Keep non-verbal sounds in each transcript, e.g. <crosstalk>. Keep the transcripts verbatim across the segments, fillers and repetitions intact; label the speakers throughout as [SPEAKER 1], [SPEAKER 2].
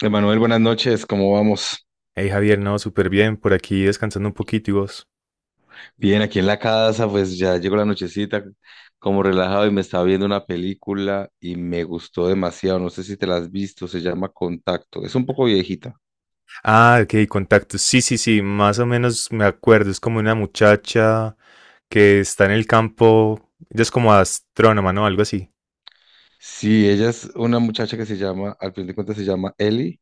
[SPEAKER 1] Emanuel, buenas noches, ¿cómo vamos?
[SPEAKER 2] Hey Javier, no, súper bien, por aquí descansando un poquito y vos.
[SPEAKER 1] Bien, aquí en la casa, pues ya llegó la nochecita, como relajado y me estaba viendo una película y me gustó demasiado, no sé si te la has visto. Se llama Contacto, es un poco viejita.
[SPEAKER 2] Ah, ok, contactos. Sí, sí, sí, más o menos me acuerdo. Es como una muchacha que está en el campo. Ella es como astrónoma, ¿no? Algo así.
[SPEAKER 1] Sí, ella es una muchacha que se llama, al fin de cuentas se llama Ellie,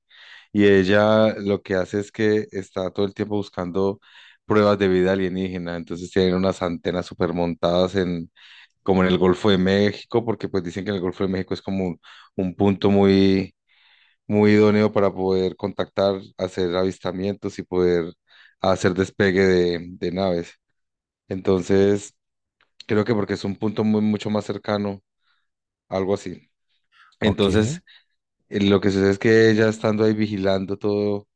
[SPEAKER 1] y ella lo que hace es que está todo el tiempo buscando pruebas de vida alienígena. Entonces tienen unas antenas super montadas en, como en el Golfo de México, porque pues dicen que el Golfo de México es como un, un punto muy muy idóneo para poder contactar, hacer avistamientos y poder hacer despegue de, de naves. Entonces, creo que porque es un punto muy, mucho más cercano, algo así.
[SPEAKER 2] Ok,
[SPEAKER 1] Entonces, eh, lo que sucede es que ella estando ahí vigilando todo,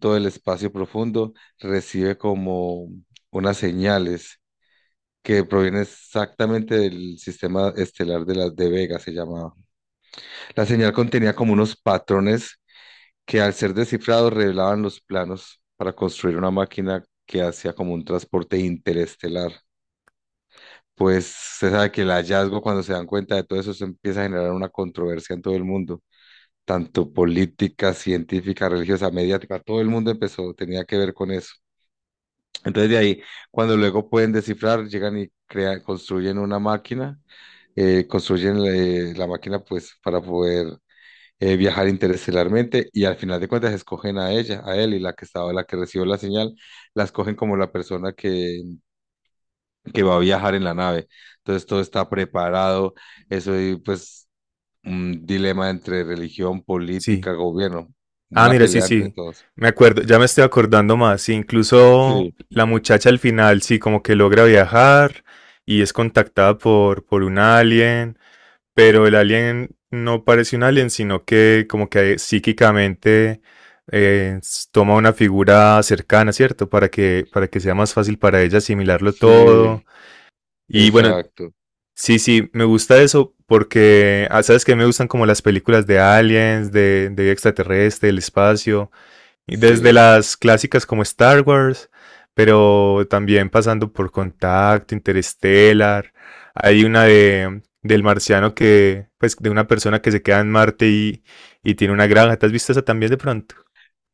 [SPEAKER 1] todo el espacio profundo, recibe como unas señales que provienen exactamente del sistema estelar de las de Vega, se llamaba. La señal contenía como unos patrones que al ser descifrados revelaban los planos para construir una máquina que hacía como un transporte interestelar. Pues se sabe que el hallazgo, cuando se dan cuenta de todo eso, se empieza a generar una controversia en todo el mundo, tanto política, científica, religiosa, mediática, todo el mundo empezó, tenía que ver con eso. Entonces de ahí, cuando luego pueden descifrar, llegan y crean, construyen una máquina, eh, construyen eh, la máquina pues para poder eh, viajar interestelarmente, y al final de cuentas escogen a ella, a él, y la que estaba, la que recibió la señal, la escogen como la persona que, que va a viajar en la nave. Entonces todo está preparado, eso y pues un dilema entre religión,
[SPEAKER 2] sí.
[SPEAKER 1] política, gobierno,
[SPEAKER 2] Ah,
[SPEAKER 1] una
[SPEAKER 2] mira, sí,
[SPEAKER 1] pelea entre
[SPEAKER 2] sí.
[SPEAKER 1] todos.
[SPEAKER 2] Me acuerdo, ya me estoy acordando más. Sí, incluso
[SPEAKER 1] Sí,
[SPEAKER 2] la muchacha al final, sí, como que logra viajar y es contactada por, por un alien. Pero el alien no parece un alien, sino que como que psíquicamente eh, s- toma una figura cercana, ¿cierto? Para que, para que sea más fácil para ella asimilarlo
[SPEAKER 1] sí,
[SPEAKER 2] todo. Y bueno,
[SPEAKER 1] exacto,
[SPEAKER 2] sí, sí, me gusta eso porque, ah, ¿sabes que Me gustan como las películas de aliens, de, de vida extraterrestre, del espacio. Desde
[SPEAKER 1] sí.
[SPEAKER 2] las clásicas como Star Wars, pero también pasando por Contacto, Interstellar. Hay una de, del marciano que, pues, de una persona que se queda en Marte y, y tiene una granja. ¿Te has visto esa también de pronto?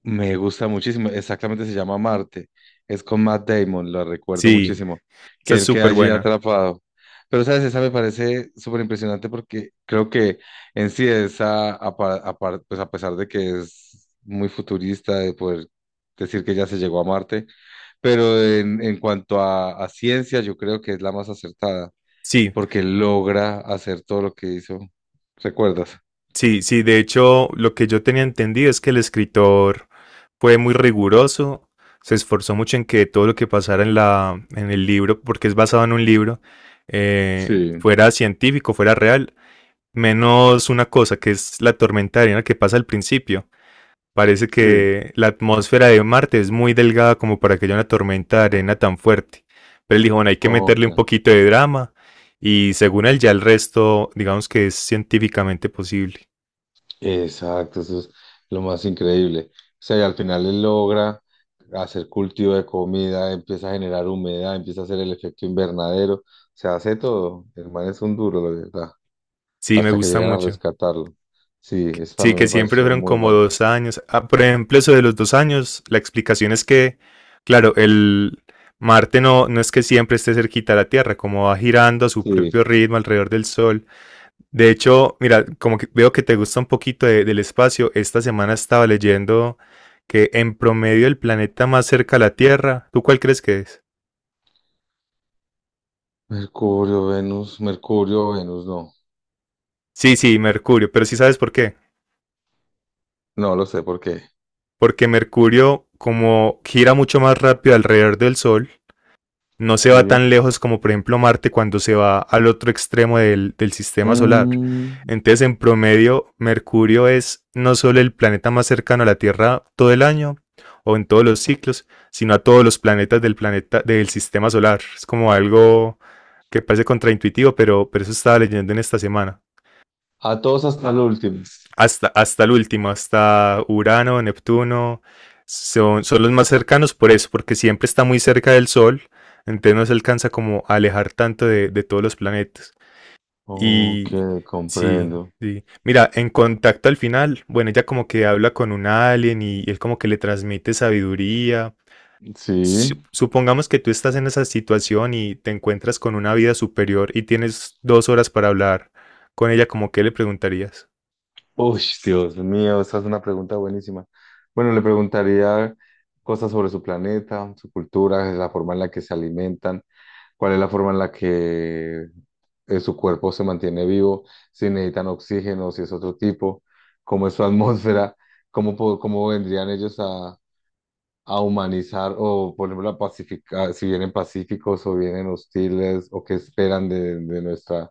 [SPEAKER 1] Me gusta muchísimo, exactamente se llama Marte, es con Matt Damon, lo recuerdo
[SPEAKER 2] Sí,
[SPEAKER 1] muchísimo,
[SPEAKER 2] esa
[SPEAKER 1] que
[SPEAKER 2] es
[SPEAKER 1] él queda
[SPEAKER 2] súper
[SPEAKER 1] allí
[SPEAKER 2] buena.
[SPEAKER 1] atrapado. Pero, ¿sabes? Esa me parece súper impresionante porque creo que en sí esa, apa- apar- pues a pesar de que es muy futurista de poder decir que ya se llegó a Marte, pero en, en cuanto a, a ciencia yo creo que es la más acertada,
[SPEAKER 2] Sí,
[SPEAKER 1] porque logra hacer todo lo que hizo. ¿Recuerdas?
[SPEAKER 2] sí, sí. De hecho, lo que yo tenía entendido es que el escritor fue muy riguroso, se esforzó mucho en que todo lo que pasara en, la, en el libro, porque es basado en un libro, eh,
[SPEAKER 1] Sí,
[SPEAKER 2] fuera científico, fuera real, menos una cosa que es la tormenta de arena que pasa al principio. Parece
[SPEAKER 1] sí.
[SPEAKER 2] que la atmósfera de Marte es muy delgada como para que haya una tormenta de arena tan fuerte. Pero él dijo, bueno, hay que meterle un poquito de drama y según él ya el resto, digamos que es científicamente posible.
[SPEAKER 1] Exacto, eso es lo más increíble. O sea, y al final él logra hacer cultivo de comida, empieza a generar humedad, empieza a hacer el efecto invernadero, o sea, hace todo. El man es un duro, la verdad,
[SPEAKER 2] Sí, me
[SPEAKER 1] hasta que
[SPEAKER 2] gusta
[SPEAKER 1] llegan a
[SPEAKER 2] mucho.
[SPEAKER 1] rescatarlo. Sí, eso
[SPEAKER 2] Sí,
[SPEAKER 1] también
[SPEAKER 2] que
[SPEAKER 1] me
[SPEAKER 2] siempre
[SPEAKER 1] pareció
[SPEAKER 2] fueron
[SPEAKER 1] muy
[SPEAKER 2] como
[SPEAKER 1] bueno.
[SPEAKER 2] dos años. Ah, por ejemplo, eso de los dos años, la explicación es que, claro, el Marte no, no es que siempre esté cerquita a la Tierra, como va girando a su
[SPEAKER 1] Sí,
[SPEAKER 2] propio ritmo alrededor del Sol. De hecho, mira, como que veo que te gusta un poquito de- del espacio, esta semana estaba leyendo que en promedio el planeta más cerca a la Tierra, ¿tú cuál crees que es?
[SPEAKER 1] Mercurio, Venus, Mercurio, Venus, no,
[SPEAKER 2] Sí, sí, Mercurio, pero sí sabes por qué.
[SPEAKER 1] no lo sé por qué.
[SPEAKER 2] Porque Mercurio como gira mucho más rápido alrededor del Sol, no se va
[SPEAKER 1] Sí.
[SPEAKER 2] tan lejos como por ejemplo Marte cuando se va al otro extremo del, del, sistema solar.
[SPEAKER 1] Mm,
[SPEAKER 2] Entonces, en promedio, Mercurio es no solo el planeta más cercano a la Tierra todo el año o en todos los ciclos, sino a todos los planetas del planeta del sistema solar. Es como algo que parece contraintuitivo, pero, pero eso estaba leyendo en esta semana.
[SPEAKER 1] a todos hasta el último.
[SPEAKER 2] Hasta, hasta el último, hasta Urano, Neptuno, son, son los más cercanos por eso, porque siempre está muy cerca del Sol, entonces no se alcanza como a alejar tanto de, de todos los planetas. Y
[SPEAKER 1] Ok,
[SPEAKER 2] sí,
[SPEAKER 1] comprendo.
[SPEAKER 2] sí. Mira, en contacto al final, bueno, ella como que habla con un alien y él como que le transmite sabiduría. Su-
[SPEAKER 1] Sí.
[SPEAKER 2] Supongamos que tú estás en esa situación y te encuentras con una vida superior y tienes dos horas para hablar con ella, como que le preguntarías?
[SPEAKER 1] Uy, Dios mío, esa es una pregunta buenísima. Bueno, le preguntaría cosas sobre su planeta, su cultura, la forma en la que se alimentan, cuál es la forma en la que eh, su cuerpo se mantiene vivo, si necesitan oxígeno, si es otro tipo, cómo es su <laughs> atmósfera, cómo, po- cómo vendrían ellos a, a humanizar o, por ejemplo, a pacificar, si vienen pacíficos o vienen hostiles, o qué esperan de, de nuestra,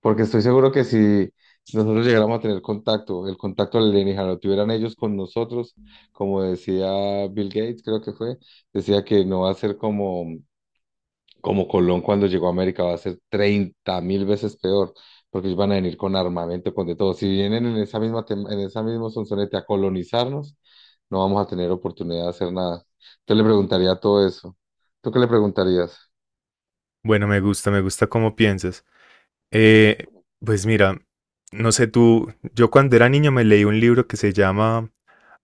[SPEAKER 1] porque estoy seguro que si nosotros llegáramos a tener contacto, el contacto alienígena lo tuvieran ellos con nosotros, como decía Bill Gates, creo que fue, decía que no va a ser como, como Colón cuando llegó a América, va a ser treinta mil veces peor, porque ellos van a venir con armamento, con de todo. Si vienen en esa misma, tem- en esa mismo sonsonete a colonizarnos, no vamos a tener oportunidad de hacer nada. Entonces le preguntaría todo eso. ¿Tú qué le preguntarías?
[SPEAKER 2] Bueno, me gusta, me gusta cómo piensas. Eh, pues mira, no sé tú, yo cuando era niño me leí un libro que se llama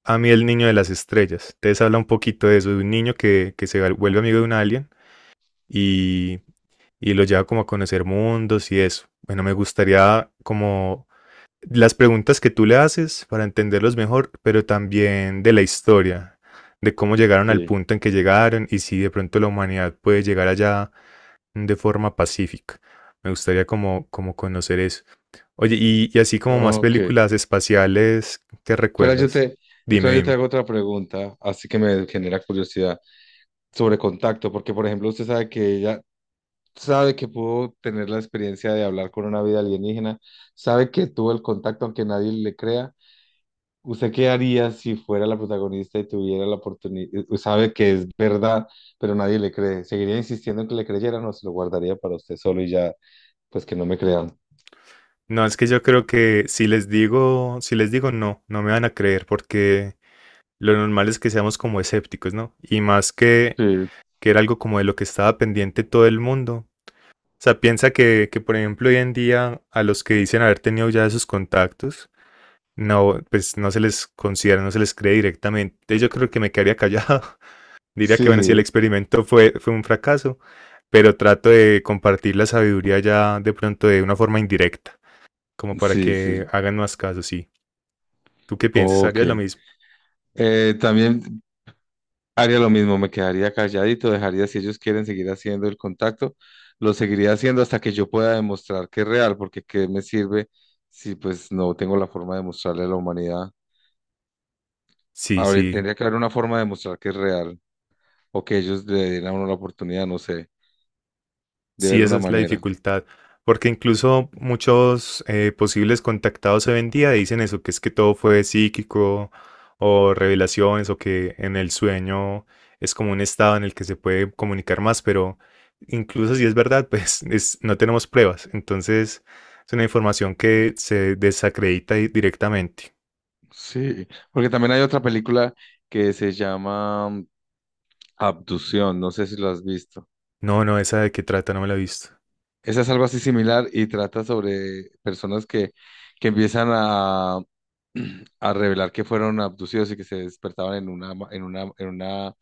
[SPEAKER 2] A mí el niño de las estrellas. Entonces habla un poquito de eso, de un niño que, que se vuelve amigo de un alien y, y lo lleva como a conocer mundos y eso. Bueno, me gustaría como las preguntas que tú le haces para entenderlos mejor, pero también de la historia, de cómo llegaron al
[SPEAKER 1] Sí.
[SPEAKER 2] punto en que llegaron y si de pronto la humanidad puede llegar allá de forma pacífica. Me gustaría como, como conocer eso. Oye, y, y así como más
[SPEAKER 1] Ok.
[SPEAKER 2] películas espaciales que
[SPEAKER 1] Espera, yo
[SPEAKER 2] recuerdas.
[SPEAKER 1] te,
[SPEAKER 2] Dime,
[SPEAKER 1] espera, yo te
[SPEAKER 2] dime.
[SPEAKER 1] hago otra pregunta, así que me genera curiosidad sobre contacto, porque por ejemplo usted sabe que ella sabe que pudo tener la experiencia de hablar con una vida alienígena, sabe que tuvo el contacto aunque nadie le crea. ¿Usted qué haría si fuera la protagonista y tuviera la oportunidad? Sabe que es verdad, pero nadie le cree. ¿Seguiría insistiendo en que le creyeran, o se lo guardaría para usted solo y ya, pues que no me crean?
[SPEAKER 2] No, es que yo creo que si les digo, si les digo no, no me van a creer porque lo normal es que seamos como escépticos, ¿no? Y más que,
[SPEAKER 1] Sí,
[SPEAKER 2] que era algo como de lo que estaba pendiente todo el mundo. O sea, piensa que, que, por ejemplo, hoy en día a los que dicen haber tenido ya esos contactos, no, pues no se les considera, no se les cree directamente. Entonces yo creo que me quedaría callado, <laughs> diría que, bueno, si
[SPEAKER 1] sí,
[SPEAKER 2] el experimento fue, fue un fracaso, pero trato de compartir la sabiduría ya de pronto de una forma indirecta, como para
[SPEAKER 1] sí,
[SPEAKER 2] que
[SPEAKER 1] sí.
[SPEAKER 2] hagan más caso, sí. ¿Tú qué piensas?
[SPEAKER 1] Ok.
[SPEAKER 2] ¿Harías lo mismo?
[SPEAKER 1] Eh, también haría lo mismo, me quedaría calladito, dejaría si ellos quieren seguir haciendo el contacto, lo seguiría haciendo hasta que yo pueda demostrar que es real, porque ¿qué me sirve si pues no tengo la forma de mostrarle a la humanidad?
[SPEAKER 2] Sí,
[SPEAKER 1] Ahora
[SPEAKER 2] sí.
[SPEAKER 1] tendría que haber una forma de mostrar que es real, o que ellos le den a uno la oportunidad, no sé, de
[SPEAKER 2] Sí,
[SPEAKER 1] ver
[SPEAKER 2] esa
[SPEAKER 1] una
[SPEAKER 2] es la
[SPEAKER 1] manera.
[SPEAKER 2] dificultad, porque incluso muchos eh, posibles contactados hoy en día dicen eso, que es que todo fue psíquico o revelaciones o que en el sueño es como un estado en el que se puede comunicar más, pero incluso si es verdad, <laughs> pues es- no tenemos pruebas, entonces es una información que se desacredita di- directamente.
[SPEAKER 1] Sí, porque también hay otra película que se llama mm, Abducción, no sé si lo has visto.
[SPEAKER 2] No, no, esa de qué trata, no me la he visto.
[SPEAKER 1] Esa es algo así similar y trata sobre personas que, que empiezan a <clears throat> a revelar que fueron abducidos y que se despertaban en una, ma- en una, en una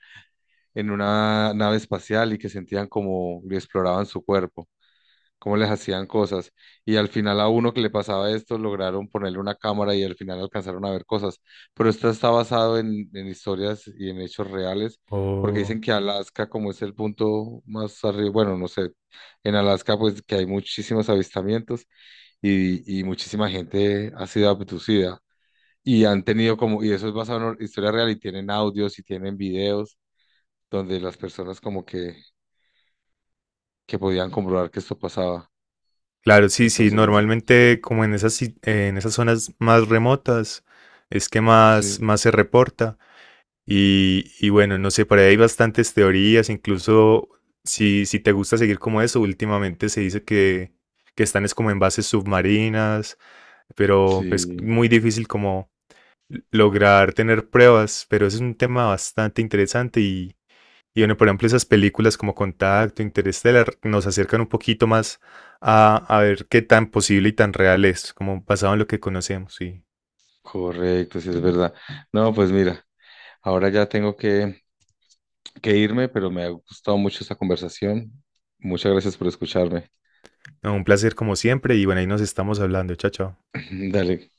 [SPEAKER 1] en una nave espacial, y que sentían como le exploraban su cuerpo, cómo les hacían cosas. Y al final a uno que le pasaba esto lograron ponerle una cámara y al final alcanzaron a ver cosas. Pero esto está basado en, en historias y en hechos reales. Porque dicen que Alaska, como es el punto más arriba, bueno, no sé, en Alaska pues que hay muchísimos avistamientos y, y muchísima gente ha sido abducida. Y han tenido como, y eso es basado en historia real, y tienen audios y tienen videos donde las personas como que, que podían comprobar que esto pasaba.
[SPEAKER 2] Claro, sí, sí,
[SPEAKER 1] Entonces, no sé.
[SPEAKER 2] normalmente como en esas, si- eh, en esas zonas más remotas es que más,
[SPEAKER 1] Sí,
[SPEAKER 2] más se reporta y, y bueno, no sé, por ahí hay bastantes teorías, incluso si, si te gusta seguir como eso, últimamente se dice que, que están es como en bases submarinas, pero es
[SPEAKER 1] sí,
[SPEAKER 2] muy difícil como lograr tener pruebas, pero es un tema bastante interesante y, y bueno, por ejemplo, esas películas como Contacto, Interestelar, nos acercan un poquito más a, a ver qué tan posible y tan real es, como basado en lo que conocemos. Y
[SPEAKER 1] correcto, sí es verdad. No, pues mira, ahora ya tengo que, que irme, pero me ha gustado mucho esta conversación. Muchas gracias por escucharme.
[SPEAKER 2] no, un placer como siempre. Y bueno, ahí nos estamos hablando. Chao, chao.
[SPEAKER 1] <laughs> Dale.